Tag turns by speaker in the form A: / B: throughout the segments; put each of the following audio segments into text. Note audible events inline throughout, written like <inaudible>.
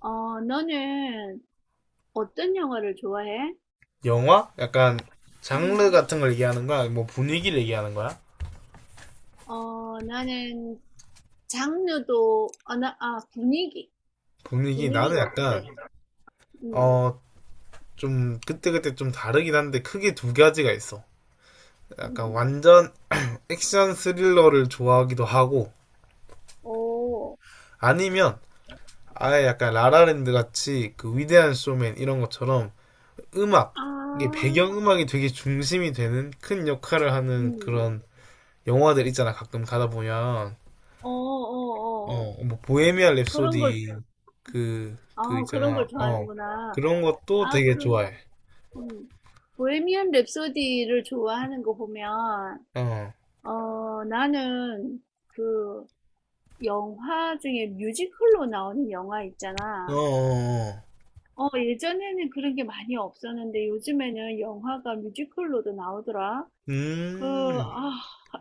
A: 너는 어떤 영화를 좋아해?
B: 영화? 약간 장르
A: 음,
B: 같은 걸 얘기하는 거야? 뭐 분위기를 얘기하는 거야?
A: 나는 장르도, 분위기.
B: 분위기 나는
A: 분위기가 어때?
B: 약간
A: 음,
B: 어 좀 그때그때 좀 다르긴 한데 크게 두 가지가 있어. 약간
A: 음,
B: 완전 액션 스릴러를 좋아하기도 하고
A: 오,
B: 아니면 아예 약간 라라랜드 같이 그 위대한 쇼맨 이런 것처럼 음악
A: 아,
B: 이게 배경음악이 되게 중심이 되는 큰 역할을 하는
A: 음,
B: 그런 영화들 있잖아 가끔 가다 보면.
A: 어,
B: 어,
A: 어, 어.
B: 뭐 보헤미안 랩소디
A: 그런 걸,
B: 그
A: 아, 그런
B: 있잖아.
A: 걸
B: 어.
A: 좋아하는구나.
B: 그런 것도
A: 아,
B: 되게
A: 그,
B: 좋아해.
A: 음, 보헤미안 랩소디를 좋아하는 거 보면,
B: 어.
A: 나는 그 영화 중에 뮤지컬로 나오는 영화
B: 어. 어,
A: 있잖아.
B: 어.
A: 예전에는 그런 게 많이 없었는데 요즘에는 영화가 뮤지컬로도 나오더라. 그,
B: 음.
A: 아,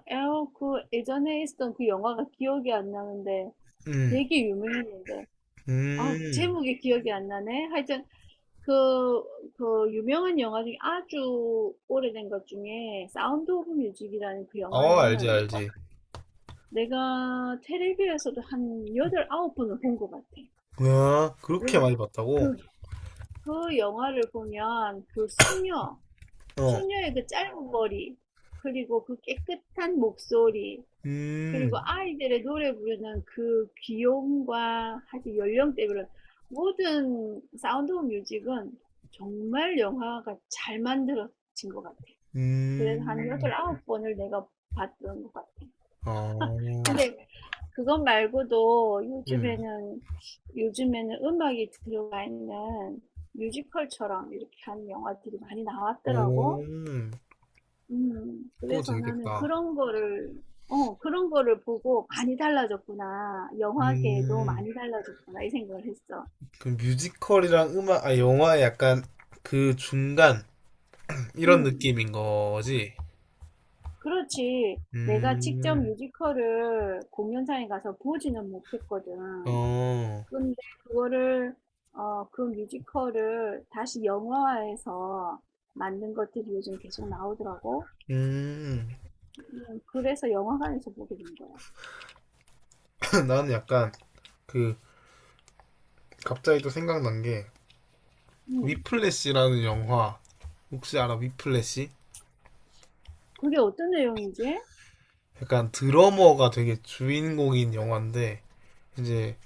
A: 그 예전에 있었던 그 영화가 기억이 안 나는데
B: 음.
A: 되게 유명했는데. 아,
B: 음.
A: 제목이 기억이 안 나네. 하여튼 그, 그 유명한 영화 중에 아주 오래된 것 중에 사운드 오브 뮤직이라는 그
B: 어, 알지,
A: 영화는
B: 알지.
A: 내가 텔레비에서도 한 여덟 아홉 번을 본 것 같아.
B: 뭐야?
A: 왜
B: 그렇게 많이 봤다고?
A: 그, 그 영화를 보면 그 수녀,
B: 어.
A: 소녀의 그 짧은 머리, 그리고 그 깨끗한 목소리, 그리고
B: 음.
A: 아이들의 노래 부르는 그 귀여움과 하여튼 연령대별로 모든 사운드 오브 뮤직은 정말 영화가 잘 만들어진 것 같아. 그래서 한 여덟,
B: 음.
A: 아홉 번을 내가 봤던 것 같아.
B: 어.
A: 근데 그것 말고도
B: 음.
A: 요즘에는 음악이 들어가 있는 뮤지컬처럼 이렇게 하는 영화들이 많이
B: 오.
A: 나왔더라고. 음.
B: 그거
A: 그래서 나는
B: 재밌겠다.
A: 그런 거를 그런 거를 보고 '많이 달라졌구나. 영화계도
B: 음.
A: 많이 달라졌구나.' 이 생각을 했어.
B: 그 뮤지컬이랑 영화의 약간 그 중간 이런
A: 음.
B: 느낌인 거지.
A: 그렇지. 내가 직접
B: 음,
A: 뮤지컬을 공연장에 가서 보지는 못했거든.
B: 어,
A: 근데 그거를 그 뮤지컬을 다시 영화화해서 만든 것들이 요즘 계속 나오더라고.
B: 음.
A: 음, 그래서 영화관에서 보게 된 거야.
B: <laughs> 나는 약간 그 갑자기 또 생각난 게
A: 음.
B: 위플래시라는 영화 혹시 알아? 위플래시?
A: 그게 어떤 내용이지?
B: 약간 드러머가 되게 주인공인 영화인데 이제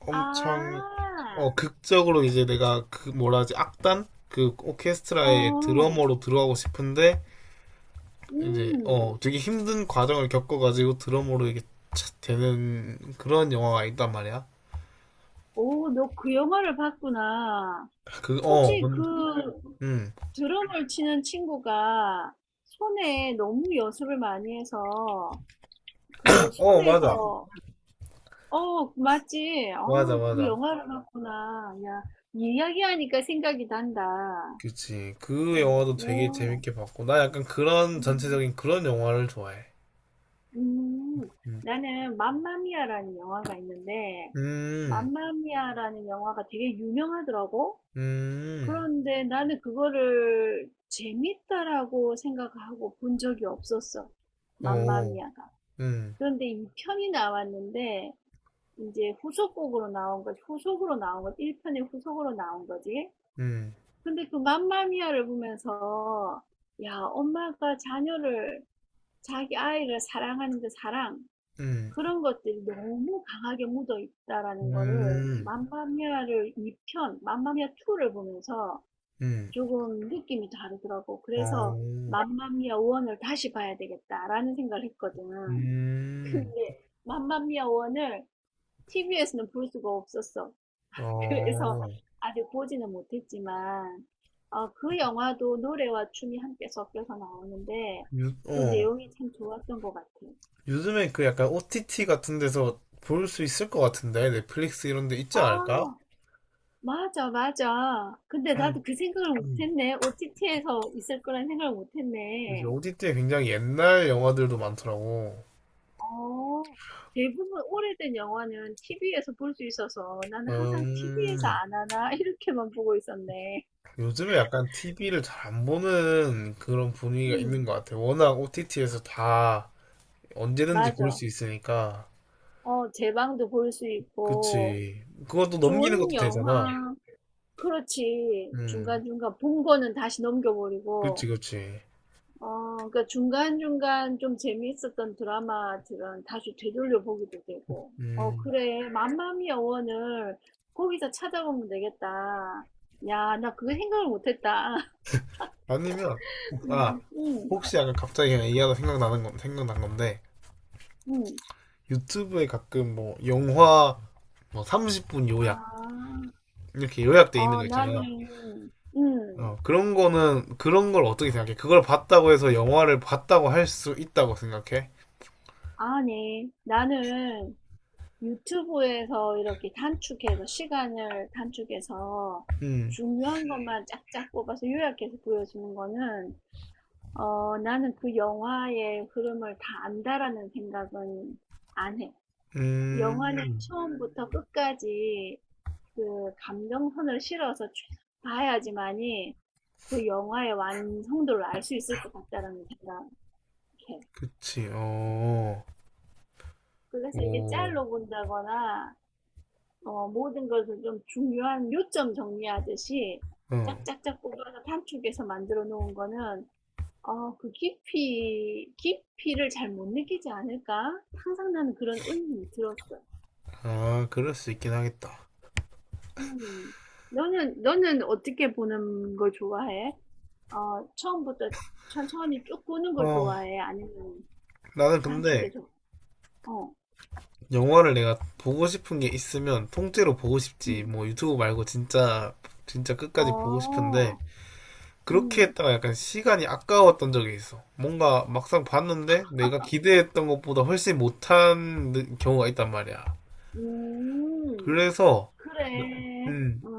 B: 엄청
A: 아.
B: 극적으로 이제 내가 그 뭐라 하지 악단 그 오케스트라의
A: 어.
B: 드러머로 들어가고 싶은데 이제
A: 음.
B: 되게 힘든 과정을 겪어가지고 드러머로 이게 착 되는 그런 영화가 있단 말이야.
A: 오, 너 그 영화를 봤구나.
B: 그
A: 혹시
B: 어
A: 네.
B: 근데
A: 그
B: 음.
A: 드럼을 치는 친구가 손에 너무 연습을 많이 해서 그
B: 어, 맞아.
A: 손에서 어, 맞지?
B: 맞아,
A: 어, 그
B: 맞아.
A: 영화를 봤구나. 야, 이야기하니까 생각이 난다.
B: 그치. 그
A: 어,
B: 영화도 되게
A: 오, 네.
B: 재밌게 봤고. 나 약간 그런,
A: 음,
B: 전체적인 그런 영화를 좋아해.
A: 음.
B: 음,
A: 나는 맘마미아라는 영화가 있는데
B: 음,
A: 맘마미아라는 영화가 되게 유명하더라고.
B: 음,
A: 그런데 나는 그거를 재밌다라고 생각하고 본 적이 없었어.
B: 어,
A: 맘마미아가.
B: 음,
A: 그런데 2편이 나왔는데 이제 후속곡으로 나온 거지. 후속으로 나온 거지. 1편의 후속으로 나온 거지.
B: 음,
A: 근데 그 맘마미아를 보면서 야, 엄마가 자녀를 자기 아이를 사랑하는 그 사랑,
B: 음,
A: 그런 것들이 너무 강하게 묻어 있다라는 거를
B: 음,
A: 맘마미아를 2편, 맘마미아 2를 보면서
B: 음,
A: 조금 느낌이 다르더라고. 그래서
B: 어,
A: 맘마미아 원을 다시 봐야 되겠다라는 생각을 했거든.
B: 음,
A: 근데 맘마미아 원을 TV에서는 볼 수가 없었어. <laughs> 그래서
B: 어,
A: 아직 보지는 못했지만 그 영화도 노래와 춤이 함께 섞여서 나오는데
B: 유,
A: 그
B: 어.
A: 내용이 참 좋았던 것 같아.
B: 요즘에 그 약간 OTT 같은 데서 볼 수 있을 것 같은데. 넷플릭스 이런 데 있지 않을까?
A: 아, 맞아, 맞아. 근데
B: 아,
A: 나도 그 생각을
B: 음,
A: 못했네. OTT에서 있을 거란 생각을
B: 요새
A: 못했네.
B: OTT에 굉장히 옛날 영화들도 많더라고.
A: 어. 대부분 오래된 영화는 TV에서 볼 수 있어서 나는 항상 'TV에서
B: 음,
A: 안 하나?' <laughs> 이렇게만 보고 있었네.
B: 요즘에 약간 TV를 잘 안 보는 그런 분위기가 있는
A: 음.
B: 것 같아. 워낙 OTT에서 다 언제든지 볼
A: 맞아.
B: 수 있으니까.
A: 제방도 볼 수 있고
B: 그치. 그것도 넘기는
A: 좋은
B: 것도 되잖아.
A: 영화 그렇지.
B: 음,
A: 중간중간 본 거는 다시 넘겨
B: 그치,
A: 버리고
B: 그치.
A: 그러니까 중간중간 좀 재미있었던 드라마들은 다시 되돌려 보기도 되고.
B: 음,
A: 그래. 맘마미아 원을 거기서 찾아보면 되겠다. 야 나 그거 생각을 못 했다.
B: 아니면, 아,
A: 응,
B: 혹시 약간 갑자기 그냥 얘기하다 생각난 건데,
A: 응,
B: 유튜브에 가끔 뭐, 영화, 뭐, 30분 요약,
A: 아,
B: 이렇게 요약돼 있는 거 있잖아.
A: 나는, 응,
B: 그런 걸 어떻게 생각해? 그걸 봤다고 해서 영화를 봤다고 할 수 있다고 생각해?
A: 아니, 나는 유튜브에서 이렇게 단축해서, 시간을 단축해서
B: 음.
A: 중요한 것만 쫙쫙 뽑아서 요약해서 보여주는 거는, 나는 그 영화의 흐름을 다 안다라는 생각은 안 해. 영화는
B: 음,
A: 처음부터 끝까지 그 감정선을 실어서 쭉 봐야지만이, 그 영화의 완성도를 알 수 있을 것 같다라는 생각해.
B: 그치, 어,
A: 그래서 이게
B: 오,
A: 짤로 본다거나 모든 것을 좀 중요한 요점 정리하듯이
B: 어,
A: 짝짝짝 뽑아서 단축해서 만들어 놓은 거는 그 깊이를 잘 못 느끼지 않을까? 항상 나는 그런 의문이 들었어.
B: 아, 그럴 수 있긴 하겠다.
A: 음. 너는 어떻게 보는 걸 좋아해? 처음부터 천천히 쭉 보는 걸
B: 어,
A: 좋아해? 아니면
B: 나는 근데
A: 단축해서? 어.
B: 영화를 내가 보고 싶은 게 있으면 통째로 보고 싶지.
A: 음.
B: 진짜 끝까지 보고 싶은데,
A: 아.
B: 그렇게
A: 음.
B: 했다가 약간 시간이 아까웠던 적이 있어. 뭔가 막상 봤는데 내가 기대했던 것보다 훨씬 못한 경우가 있단 말이야.
A: 음.
B: 그래서, 나-
A: 그래.
B: 음,
A: 어.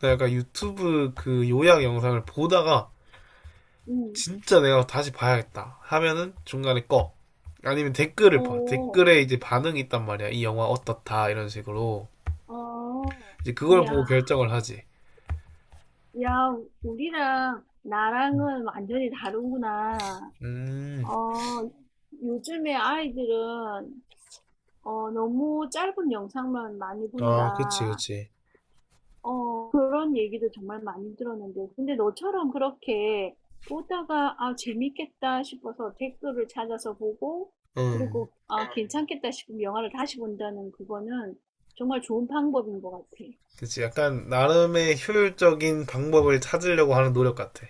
B: 나 약간 유튜브 그 요약 영상을 보다가
A: 음.
B: 진짜 내가 다시 봐야겠다 하면은 중간에 꺼. 아니면 댓글을 봐.
A: 어.
B: 댓글에 이제 반응이 있단 말이야. 이 영화 어떻다 이런 식으로
A: 어.
B: 이제 그걸 보고
A: 야.
B: 결정을 하지.
A: 야, 우리랑 나랑은 완전히 다르구나.
B: 음,
A: 어. 요즘에 아이들은 너무 짧은 영상만 많이
B: 아, 그치,
A: 본다.
B: 그치.
A: 그런 얘기도 정말 많이 들었는데 근데 너처럼 그렇게 보다가 '아 재밌겠다.' 싶어서 댓글을 찾아서 보고
B: 음,
A: 그리고 '아 아. 괜찮겠다.' 싶으면 영화를 다시 본다는 그거는 정말 좋은 방법인 것 같아.
B: 그치. 약간 나름의 효율적인 방법을 찾으려고 하는 노력 같아.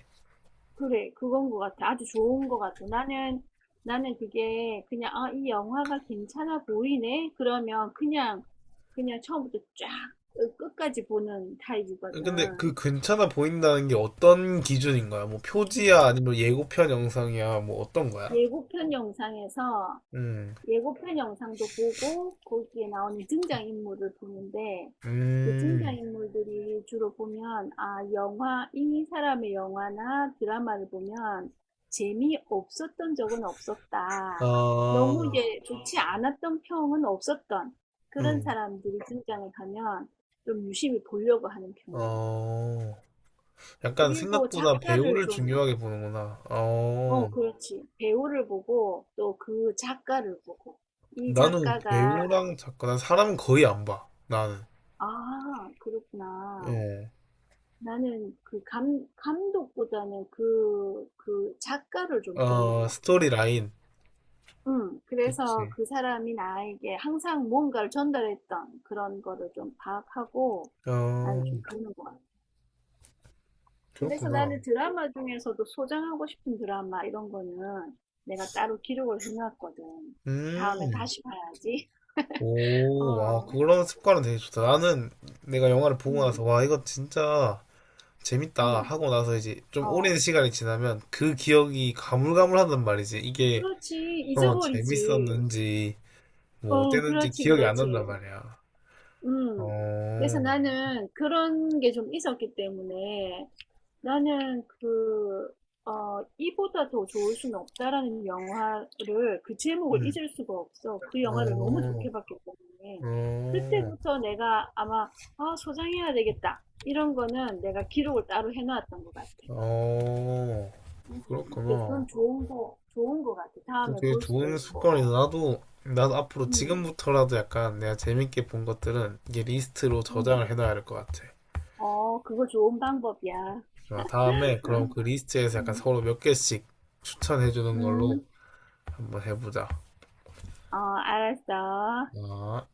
A: 그래 그건 것 같아. 아주 좋은 것 같아. 나는 그게 그냥 '아 이 영화가 괜찮아 보이네.' 그러면 그냥 처음부터 쫙 끝까지 보는 타입이거든.
B: 근데 그 괜찮아 보인다는 게 어떤 기준인 거야? 뭐 표지야 아니면 예고편 영상이야 뭐 어떤 거야?
A: 예고편 영상에서
B: 음,
A: 예고편 영상도 보고 거기에 나오는 등장인물을 보는데 그
B: 음,
A: 등장인물들이 주로 보면 아 영화 이 사람의 영화나 드라마를 보면 재미없었던 적은 없었다. 너무
B: 아,
A: 이 좋지 않았던 평은 없었던 그런
B: 음,
A: 사람들이 등장을 하면 좀 유심히 보려고 하는 편이야.
B: 어. 약간
A: 그리고
B: 생각보다
A: 작가를
B: 배우를
A: 좀,
B: 중요하게 보는구나.
A: 어,
B: 어,
A: 그렇지. 배우를 보고 또 그 작가를 보고 이
B: 나는
A: 작가가
B: 배우랑 작가, 난 사람은 거의 안 봐. 나는.
A: 아 그렇구나. 나는 감독보다는 그 작가를 좀 보는
B: 어,
A: 것
B: 어,
A: 같아.
B: 스토리 라인.
A: 응. 그래서
B: 그렇지.
A: 그 사람이 나에게 항상 뭔가를 전달했던 그런 거를 좀 파악하고 나는
B: 어,
A: 좀 보는 것 같아. 그래서
B: 그렇구나.
A: 나는 드라마 중에서도 소장하고 싶은 드라마 이런 거는 내가 따로 기록을 해놨거든. 다음에
B: 음,
A: 다시 봐야지. <laughs>
B: 오, 아,
A: 어,
B: 그런 습관은 되게 좋다. 나는 내가 영화를 보고 나서,
A: 응,
B: 와, 이거 진짜 재밌다
A: 응,
B: 하고 나서 이제 좀
A: 어.
B: 오랜 시간이 지나면 그 기억이 가물가물하단 말이지. 이게,
A: 그렇지.
B: 어,
A: 잊어버리지.
B: 재밌었는지, 뭐,
A: 어,
B: 어땠는지
A: 그렇지,
B: 기억이 안
A: 그렇지.
B: 난단 말이야. 어,
A: 음. 그래서 나는 그런 게 좀 있었기 때문에 나는 그, 이보다 더 좋을 수는 없다라는 영화를 그 제목을
B: 음.
A: 잊을 수가 없어. 그 영화를 너무
B: 어.
A: 좋게 봤기 때문에.
B: 어.
A: 그때부터 내가 아마, 아, 소장해야 되겠다. 이런 거는 내가 기록을 따로 해놨던 것 같아.
B: 어.
A: 음, 그래서
B: 그렇구나.
A: 그건 좋은 거 같아.
B: 그
A: 다음에
B: 되게
A: 볼 수도
B: 좋은
A: 있고.
B: 습관이다. 나도 나도 앞으로
A: 음,
B: 지금부터라도 약간 내가 재밌게 본 것들은 이게 리스트로
A: 음.
B: 저장을 해놔야 할 것 같아.
A: 어, 그거 좋은 방법이야.
B: 자, 다음에 그럼 그
A: <laughs>
B: 리스트에서 약간
A: 음,
B: 서로 몇 개씩 추천해 주는 걸로
A: 음.
B: 한번 해보자.
A: 어, 알았어.
B: 아.